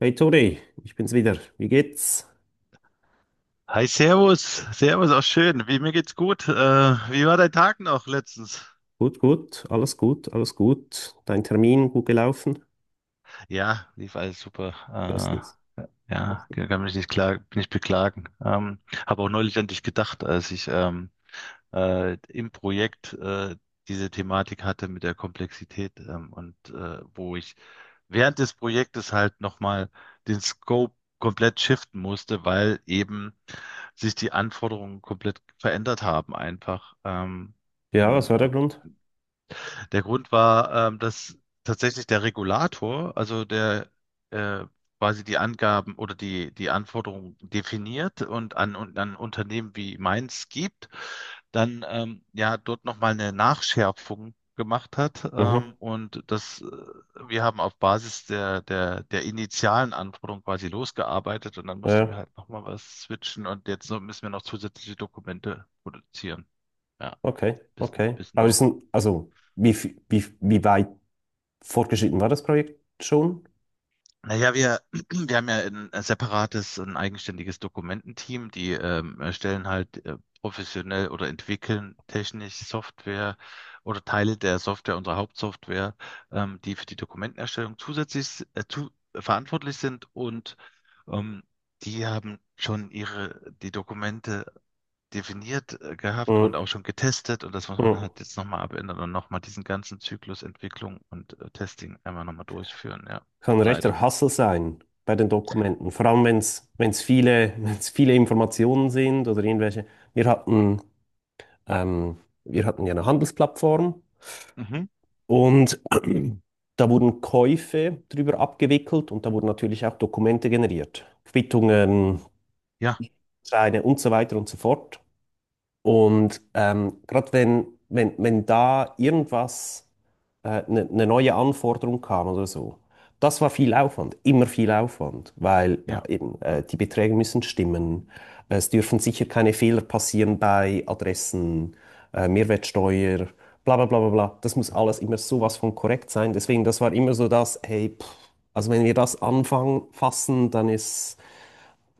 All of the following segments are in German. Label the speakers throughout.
Speaker 1: Hey Tori, ich bin's wieder. Wie geht's?
Speaker 2: Hi, Servus. Servus, auch schön. Mir geht's gut. Wie war dein Tag noch letztens?
Speaker 1: Gut, gut, alles gut, alles gut. Dein Termin gut gelaufen?
Speaker 2: Ja, lief alles super.
Speaker 1: Bestens.
Speaker 2: Ja, kann mich nicht klagen, nicht beklagen. Habe auch neulich an dich gedacht, als ich im Projekt diese Thematik hatte mit der Komplexität und wo ich während des Projektes halt nochmal den Scope komplett shiften musste, weil eben sich die Anforderungen komplett verändert haben einfach.
Speaker 1: Ja, was war der Grund?
Speaker 2: Der Grund war, dass tatsächlich der Regulator, also der äh, quasi die Angaben oder die Anforderungen definiert und und an Unternehmen wie meins gibt, dann ja dort nochmal eine Nachschärfung gemacht hat.
Speaker 1: Mhm.
Speaker 2: Wir haben auf Basis der initialen Anforderung quasi losgearbeitet und dann
Speaker 1: Ja,
Speaker 2: mussten wir
Speaker 1: ja,
Speaker 2: halt nochmal was switchen und jetzt so müssen wir noch zusätzliche Dokumente produzieren. Ja,
Speaker 1: okay, okay.
Speaker 2: bisschen
Speaker 1: Aber
Speaker 2: doof.
Speaker 1: ist ein, also, wie, wie, wie weit fortgeschritten war das Projekt schon?
Speaker 2: Naja, wir haben ja ein separates, ein eigenständiges Dokumententeam, die erstellen halt professionell oder entwickeln technisch Software oder Teile der Software, unserer Hauptsoftware, die für die Dokumentenerstellung zusätzlich verantwortlich sind und ähm, die haben schon die Dokumente definiert gehabt und
Speaker 1: Mhm.
Speaker 2: auch schon getestet und das muss man
Speaker 1: Mhm.
Speaker 2: halt jetzt nochmal abändern und nochmal diesen ganzen Zyklus Entwicklung und Testing einmal nochmal durchführen, ja,
Speaker 1: Kann ein
Speaker 2: leider.
Speaker 1: rechter Hassel sein bei den Dokumenten. Vor allem, wenn es wenn's viele, wenn's viele Informationen sind oder irgendwelche. Wir hatten, ähm, wir hatten ja eine Handelsplattform.
Speaker 2: Mhm.
Speaker 1: Und da wurden Käufe drüber abgewickelt und da wurden natürlich auch Dokumente generiert, Quittungen,
Speaker 2: Ja,
Speaker 1: Scheine und so weiter und so fort. Und gerade wenn da irgendwas, eine neue Anforderung kam oder so, das war viel Aufwand, immer viel Aufwand, weil ja,
Speaker 2: ja.
Speaker 1: eben, die Beträge müssen stimmen, es dürfen sicher keine Fehler passieren bei Adressen, Mehrwertsteuer, bla bla bla bla bla. Das muss alles immer sowas von korrekt sein. Deswegen, das war immer so das, hey, pff, also wenn wir das anfangen fassen, dann ist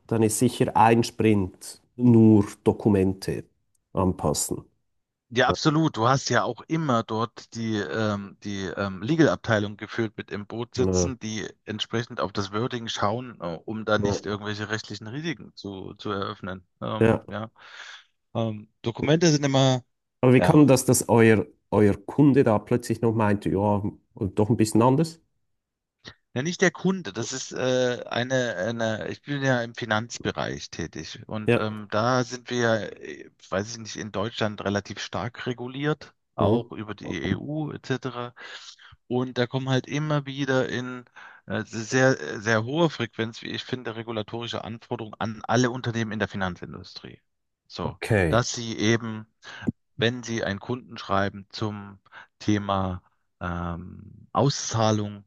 Speaker 1: dann ist sicher ein Sprint nur Dokumente anpassen.
Speaker 2: Ja,
Speaker 1: Ja,
Speaker 2: absolut. Du hast ja auch immer dort die Legal-Abteilung geführt mit im Boot
Speaker 1: ja,
Speaker 2: sitzen, die entsprechend auf das Wording schauen, um da
Speaker 1: ja.
Speaker 2: nicht irgendwelche rechtlichen Risiken zu eröffnen.
Speaker 1: Ja.
Speaker 2: Ja. Dokumente sind immer.
Speaker 1: Aber wie
Speaker 2: Ja,
Speaker 1: kann das, dass euer Kunde da plötzlich noch meinte, ja, doch ein bisschen anders?
Speaker 2: ja, nicht der Kunde. Das ist eine, ich bin ja im Finanzbereich tätig und
Speaker 1: Ja.
Speaker 2: da sind wir, ja, weiß ich nicht, in Deutschland relativ stark reguliert,
Speaker 1: Mhm.
Speaker 2: auch über die EU etc. Und da kommen halt immer wieder in sehr, sehr hohe Frequenz, wie ich finde, regulatorische Anforderungen an alle Unternehmen in der Finanzindustrie. So,
Speaker 1: Okay.
Speaker 2: dass sie eben, wenn sie ein Kundenschreiben zum Thema Auszahlung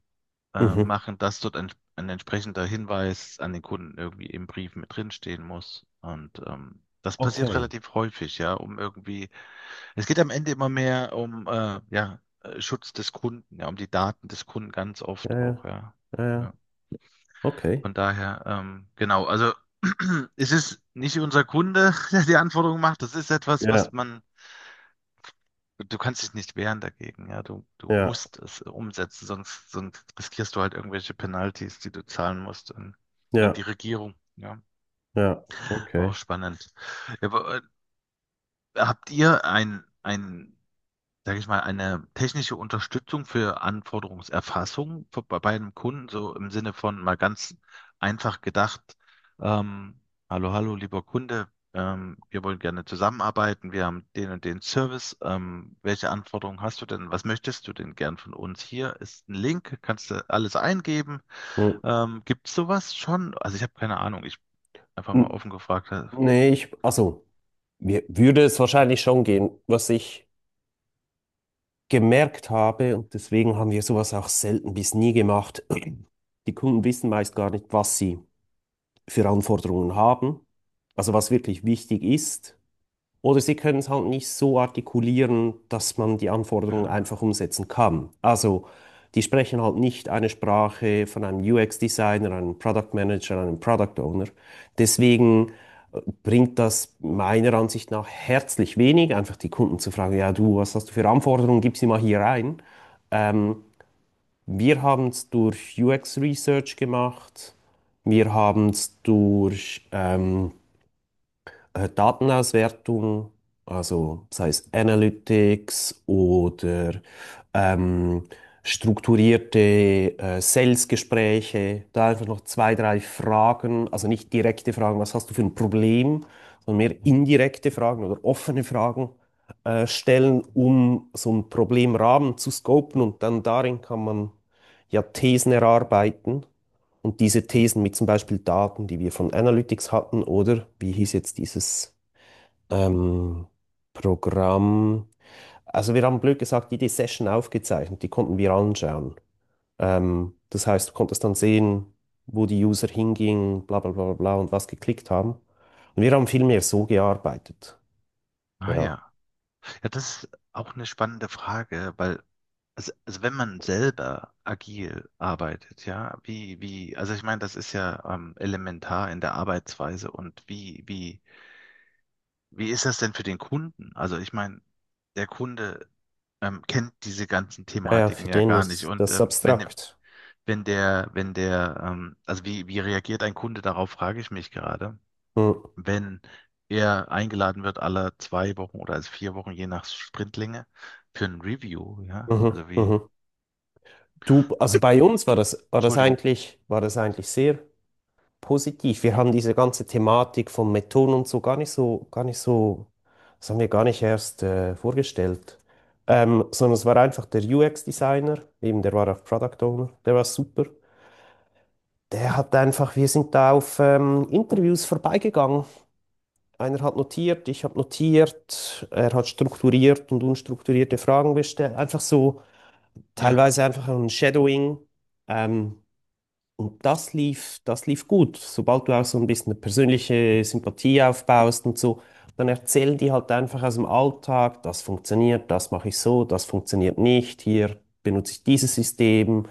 Speaker 1: Mhm.
Speaker 2: machen, dass dort ein entsprechender Hinweis an den Kunden irgendwie im Brief mit drinstehen muss. Und das passiert
Speaker 1: Okay.
Speaker 2: relativ häufig, ja, um irgendwie es geht am Ende immer mehr um ja, Schutz des Kunden, ja, um die Daten des Kunden ganz
Speaker 1: Ja,
Speaker 2: oft auch,
Speaker 1: ja,
Speaker 2: ja.
Speaker 1: ja,
Speaker 2: Ja.
Speaker 1: ja. Okay.
Speaker 2: Von daher, genau, also es ist nicht unser Kunde, der die Anforderungen macht. Das ist etwas,
Speaker 1: Ja,
Speaker 2: du kannst dich nicht wehren dagegen, ja. Du
Speaker 1: ja,
Speaker 2: musst es umsetzen, sonst riskierst du halt irgendwelche Penalties, die du zahlen musst an, an
Speaker 1: ja,
Speaker 2: die Regierung, ja.
Speaker 1: ja.
Speaker 2: War auch
Speaker 1: Okay.
Speaker 2: spannend. Ja, aber, habt ihr ein sage ich mal, eine technische Unterstützung für Anforderungserfassung für, bei bei einem Kunden, so im Sinne von mal ganz einfach gedacht, ähm, hallo, hallo, lieber Kunde, wir wollen gerne zusammenarbeiten, wir haben den und den Service, welche Anforderungen hast du denn, was möchtest du denn gern von uns? Hier ist ein Link, kannst du alles eingeben.
Speaker 1: Hm.
Speaker 2: Gibt es sowas schon? Also ich habe keine Ahnung, ich einfach mal offen gefragt.
Speaker 1: Nee, ich, also, mir würde es wahrscheinlich schon gehen. Was ich gemerkt habe, und deswegen haben wir sowas auch selten bis nie gemacht: die Kunden wissen meist gar nicht, was sie für Anforderungen haben, also was wirklich wichtig ist. Oder sie können es halt nicht so artikulieren, dass man die Anforderungen einfach
Speaker 2: Ja.
Speaker 1: umsetzen kann. Also die sprechen halt nicht eine Sprache von einem UX-Designer, einem Product Manager, einem Product Owner. Deswegen bringt das meiner Ansicht nach herzlich wenig, einfach die Kunden zu fragen, ja du, was hast du für Anforderungen, gib sie mal hier rein. Ähm, wir haben es durch UX Research gemacht. Wir haben es durch Datenauswertung, also sei es Analytics oder ähm, strukturierte Sales-Gespräche, da einfach noch zwei, drei Fragen, also nicht direkte Fragen, was hast du für ein Problem, sondern mehr indirekte Fragen oder offene Fragen stellen, um so einen Problemrahmen zu scopen und dann darin kann man ja Thesen erarbeiten. Und diese Thesen mit zum Beispiel Daten, die wir von Analytics hatten, oder wie hieß jetzt dieses ähm, Programm? Also wir haben blöd gesagt, jede Session aufgezeichnet, die konnten wir anschauen. Das heißt, du konntest dann sehen, wo die User hingingen, bla bla bla bla und was geklickt haben. Und wir haben viel mehr so gearbeitet.
Speaker 2: Ah
Speaker 1: Ja,
Speaker 2: ja. Ja, das ist auch eine spannende Frage, also wenn man selber agil arbeitet, ja, also ich meine, das ist ja elementar in der Arbeitsweise und wie ist das denn für den Kunden? Also ich meine, der Kunde kennt diese ganzen
Speaker 1: ja, ja, für
Speaker 2: Thematiken ja
Speaker 1: den
Speaker 2: gar nicht
Speaker 1: ist
Speaker 2: und
Speaker 1: das
Speaker 2: wenn,
Speaker 1: abstrakt.
Speaker 2: wenn der, wenn der, also wie reagiert ein Kunde darauf, frage ich mich gerade,
Speaker 1: Mhm,
Speaker 2: wenn er eingeladen wird, alle 2 Wochen oder also 4 Wochen, je nach Sprintlänge, für ein Review, ja.
Speaker 1: mhm, mhm. Du, also bei uns war das, war das
Speaker 2: Entschuldigung.
Speaker 1: eigentlich, war das eigentlich sehr positiv. Wir haben diese ganze Thematik von Methoden und so gar nicht so, das haben wir gar nicht erst vorgestellt. Sondern es war einfach der UX-Designer, eben der war auch Product Owner, der war super. Der hat einfach, wir sind da auf Interviews vorbeigegangen. Einer hat notiert, ich habe notiert, er hat strukturiert und unstrukturierte Fragen gestellt. Einfach so,
Speaker 2: Ja,
Speaker 1: teilweise einfach ein Shadowing. Ähm, und das lief gut. Sobald du auch so ein bisschen eine persönliche Sympathie aufbaust und so, dann erzählen die halt einfach aus dem Alltag, das funktioniert, das mache ich so, das funktioniert nicht, hier benutze ich dieses System,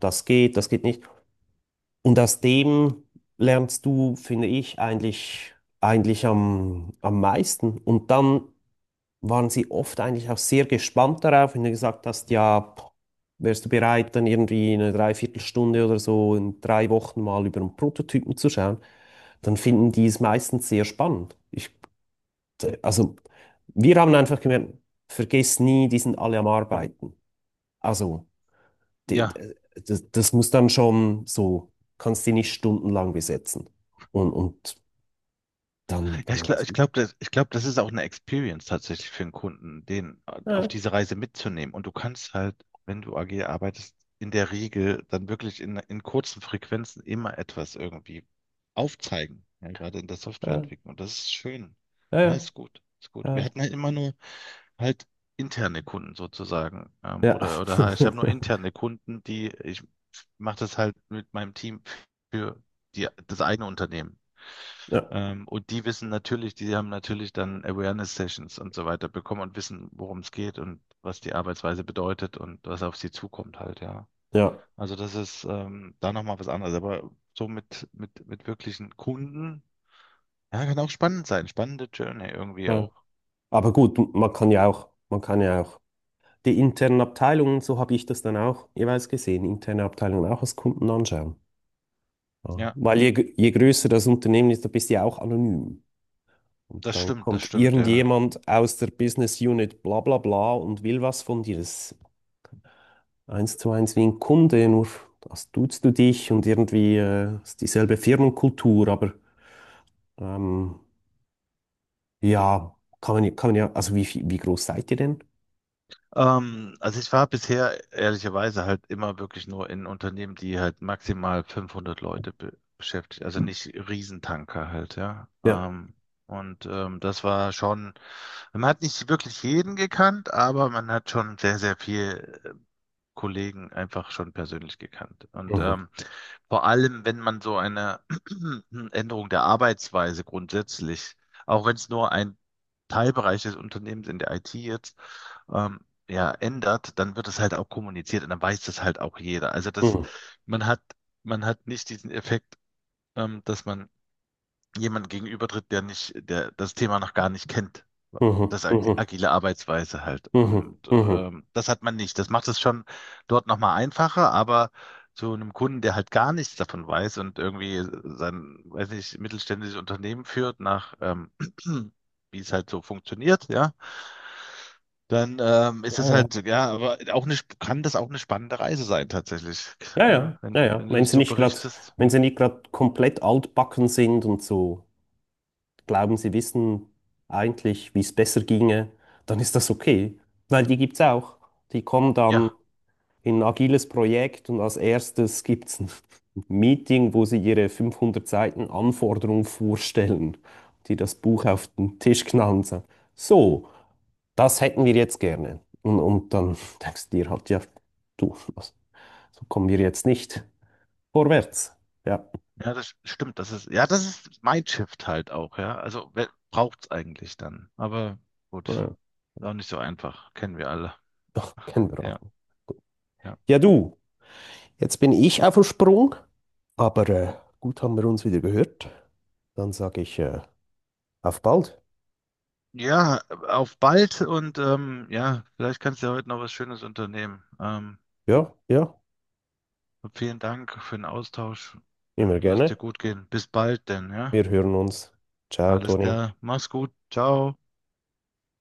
Speaker 1: das geht nicht. Und aus dem lernst du, finde ich, eigentlich am meisten. Und dann waren sie oft eigentlich auch sehr gespannt darauf, wenn du gesagt hast, ja, pff, wärst du bereit, dann irgendwie eine Dreiviertelstunde oder so in drei Wochen mal über einen Prototypen zu schauen, dann finden die es meistens sehr spannend. Ich, also wir haben einfach gemerkt, vergiss nie, die sind alle am Arbeiten. Also die,
Speaker 2: ja.
Speaker 1: das muss dann schon so, kannst die nicht stundenlang besetzen. Und,
Speaker 2: Ja,
Speaker 1: dann war das.
Speaker 2: ich glaub, das ist auch eine Experience tatsächlich für einen Kunden, den auf
Speaker 1: Ja,
Speaker 2: diese Reise mitzunehmen. Und du kannst halt, wenn du agil arbeitest, in der Regel dann wirklich in kurzen Frequenzen immer etwas irgendwie aufzeigen, ja, gerade in der
Speaker 1: ja,
Speaker 2: Softwareentwicklung. Und das ist schön.
Speaker 1: ja,
Speaker 2: Ja,
Speaker 1: ja.
Speaker 2: ist gut, ist gut. Wir
Speaker 1: Ja.
Speaker 2: hatten halt immer nur halt interne Kunden sozusagen.
Speaker 1: Ja.
Speaker 2: Oder ich habe nur interne Kunden, die ich mache das halt mit meinem Team für das eigene Unternehmen.
Speaker 1: Ja,
Speaker 2: Und die haben natürlich dann Awareness-Sessions und so weiter bekommen und wissen, worum es geht und was die Arbeitsweise bedeutet und was auf sie zukommt halt, ja.
Speaker 1: ja.
Speaker 2: Also das ist da nochmal was anderes. Aber so mit wirklichen Kunden, ja, kann auch spannend sein. Spannende Journey irgendwie
Speaker 1: Ja.
Speaker 2: auch.
Speaker 1: Aber gut, man kann ja auch, man kann ja auch die internen Abteilungen, so habe ich das dann auch jeweils gesehen, interne Abteilungen auch als Kunden anschauen. Ja.
Speaker 2: Ja,
Speaker 1: Weil je, je größer das Unternehmen ist, da bist du ja auch anonym. Und dann
Speaker 2: das
Speaker 1: kommt
Speaker 2: stimmt, ja.
Speaker 1: irgendjemand aus der Business Unit bla bla bla und will was von dir. Das ist eins zu eins wie ein Kunde, nur das duzt du dich und irgendwie ist dieselbe Firmenkultur, aber ähm, ja, kann man, kann man ja, also wie, wie groß seid ihr denn?
Speaker 2: Also ich war bisher ehrlicherweise halt immer wirklich nur in Unternehmen, die halt maximal 500 Leute be beschäftigt, also nicht Riesentanker halt, ja.
Speaker 1: Ja.
Speaker 2: Das war schon, man hat nicht wirklich jeden gekannt, aber man hat schon sehr, sehr viel Kollegen einfach schon persönlich gekannt. Und
Speaker 1: Mhm.
Speaker 2: vor allem, wenn man so eine Änderung der Arbeitsweise grundsätzlich, auch wenn es nur ein Teilbereich des Unternehmens in der IT jetzt, ähm, ja, ändert, dann wird es halt auch kommuniziert und dann weiß das halt auch jeder.
Speaker 1: Mhm.
Speaker 2: Man hat, man hat nicht diesen Effekt, dass man jemand gegenübertritt, der nicht, der das Thema noch gar nicht kennt.
Speaker 1: Mhm,
Speaker 2: Das
Speaker 1: mhm,
Speaker 2: agile Arbeitsweise halt.
Speaker 1: mhm,
Speaker 2: Und
Speaker 1: mhm.
Speaker 2: das hat man nicht. Das macht es schon dort nochmal einfacher, aber zu einem Kunden, der halt gar nichts davon weiß und irgendwie weiß nicht, mittelständisches Unternehmen führt nach, wie es halt so funktioniert, ja, dann
Speaker 1: Ja,
Speaker 2: ist es
Speaker 1: ja.
Speaker 2: halt, ja, aber auch kann das auch eine spannende Reise sein tatsächlich,
Speaker 1: Ja, ja,
Speaker 2: ja,
Speaker 1: ja, ja.
Speaker 2: wenn du das so berichtest.
Speaker 1: Wenn sie nicht gerade komplett altbacken sind und so glauben, sie wissen eigentlich, wie es besser ginge, dann ist das okay, weil die gibt's auch. Die kommen dann
Speaker 2: Ja.
Speaker 1: in ein agiles Projekt und als erstes gibt es ein Meeting, wo sie ihre 500 Seiten Anforderung vorstellen, die das Buch auf den Tisch knallen und sagen, so, das hätten wir jetzt gerne. Und dann denkst du dir halt, ja, du, also, so kommen wir jetzt nicht vorwärts. Ja,
Speaker 2: Ja, das stimmt. Das ist Mindshift halt auch, ja. Also, wer braucht's eigentlich dann? Aber gut,
Speaker 1: äh,
Speaker 2: ist auch nicht so einfach. Kennen wir alle.
Speaker 1: doch, kennen wir auch.
Speaker 2: Ja, ja.
Speaker 1: Ja, du, jetzt bin ich auf dem Sprung, aber gut haben wir uns wieder gehört. Dann sage ich, auf bald.
Speaker 2: Ja, auf bald und ja, vielleicht kannst du ja heute noch was Schönes unternehmen.
Speaker 1: Ja, ja,
Speaker 2: Vielen Dank für den Austausch
Speaker 1: immer
Speaker 2: und lass dir
Speaker 1: gerne.
Speaker 2: gut gehen. Bis bald denn, ja.
Speaker 1: Wir hören uns. Ciao,
Speaker 2: Alles
Speaker 1: Toni.
Speaker 2: klar. Mach's gut. Ciao.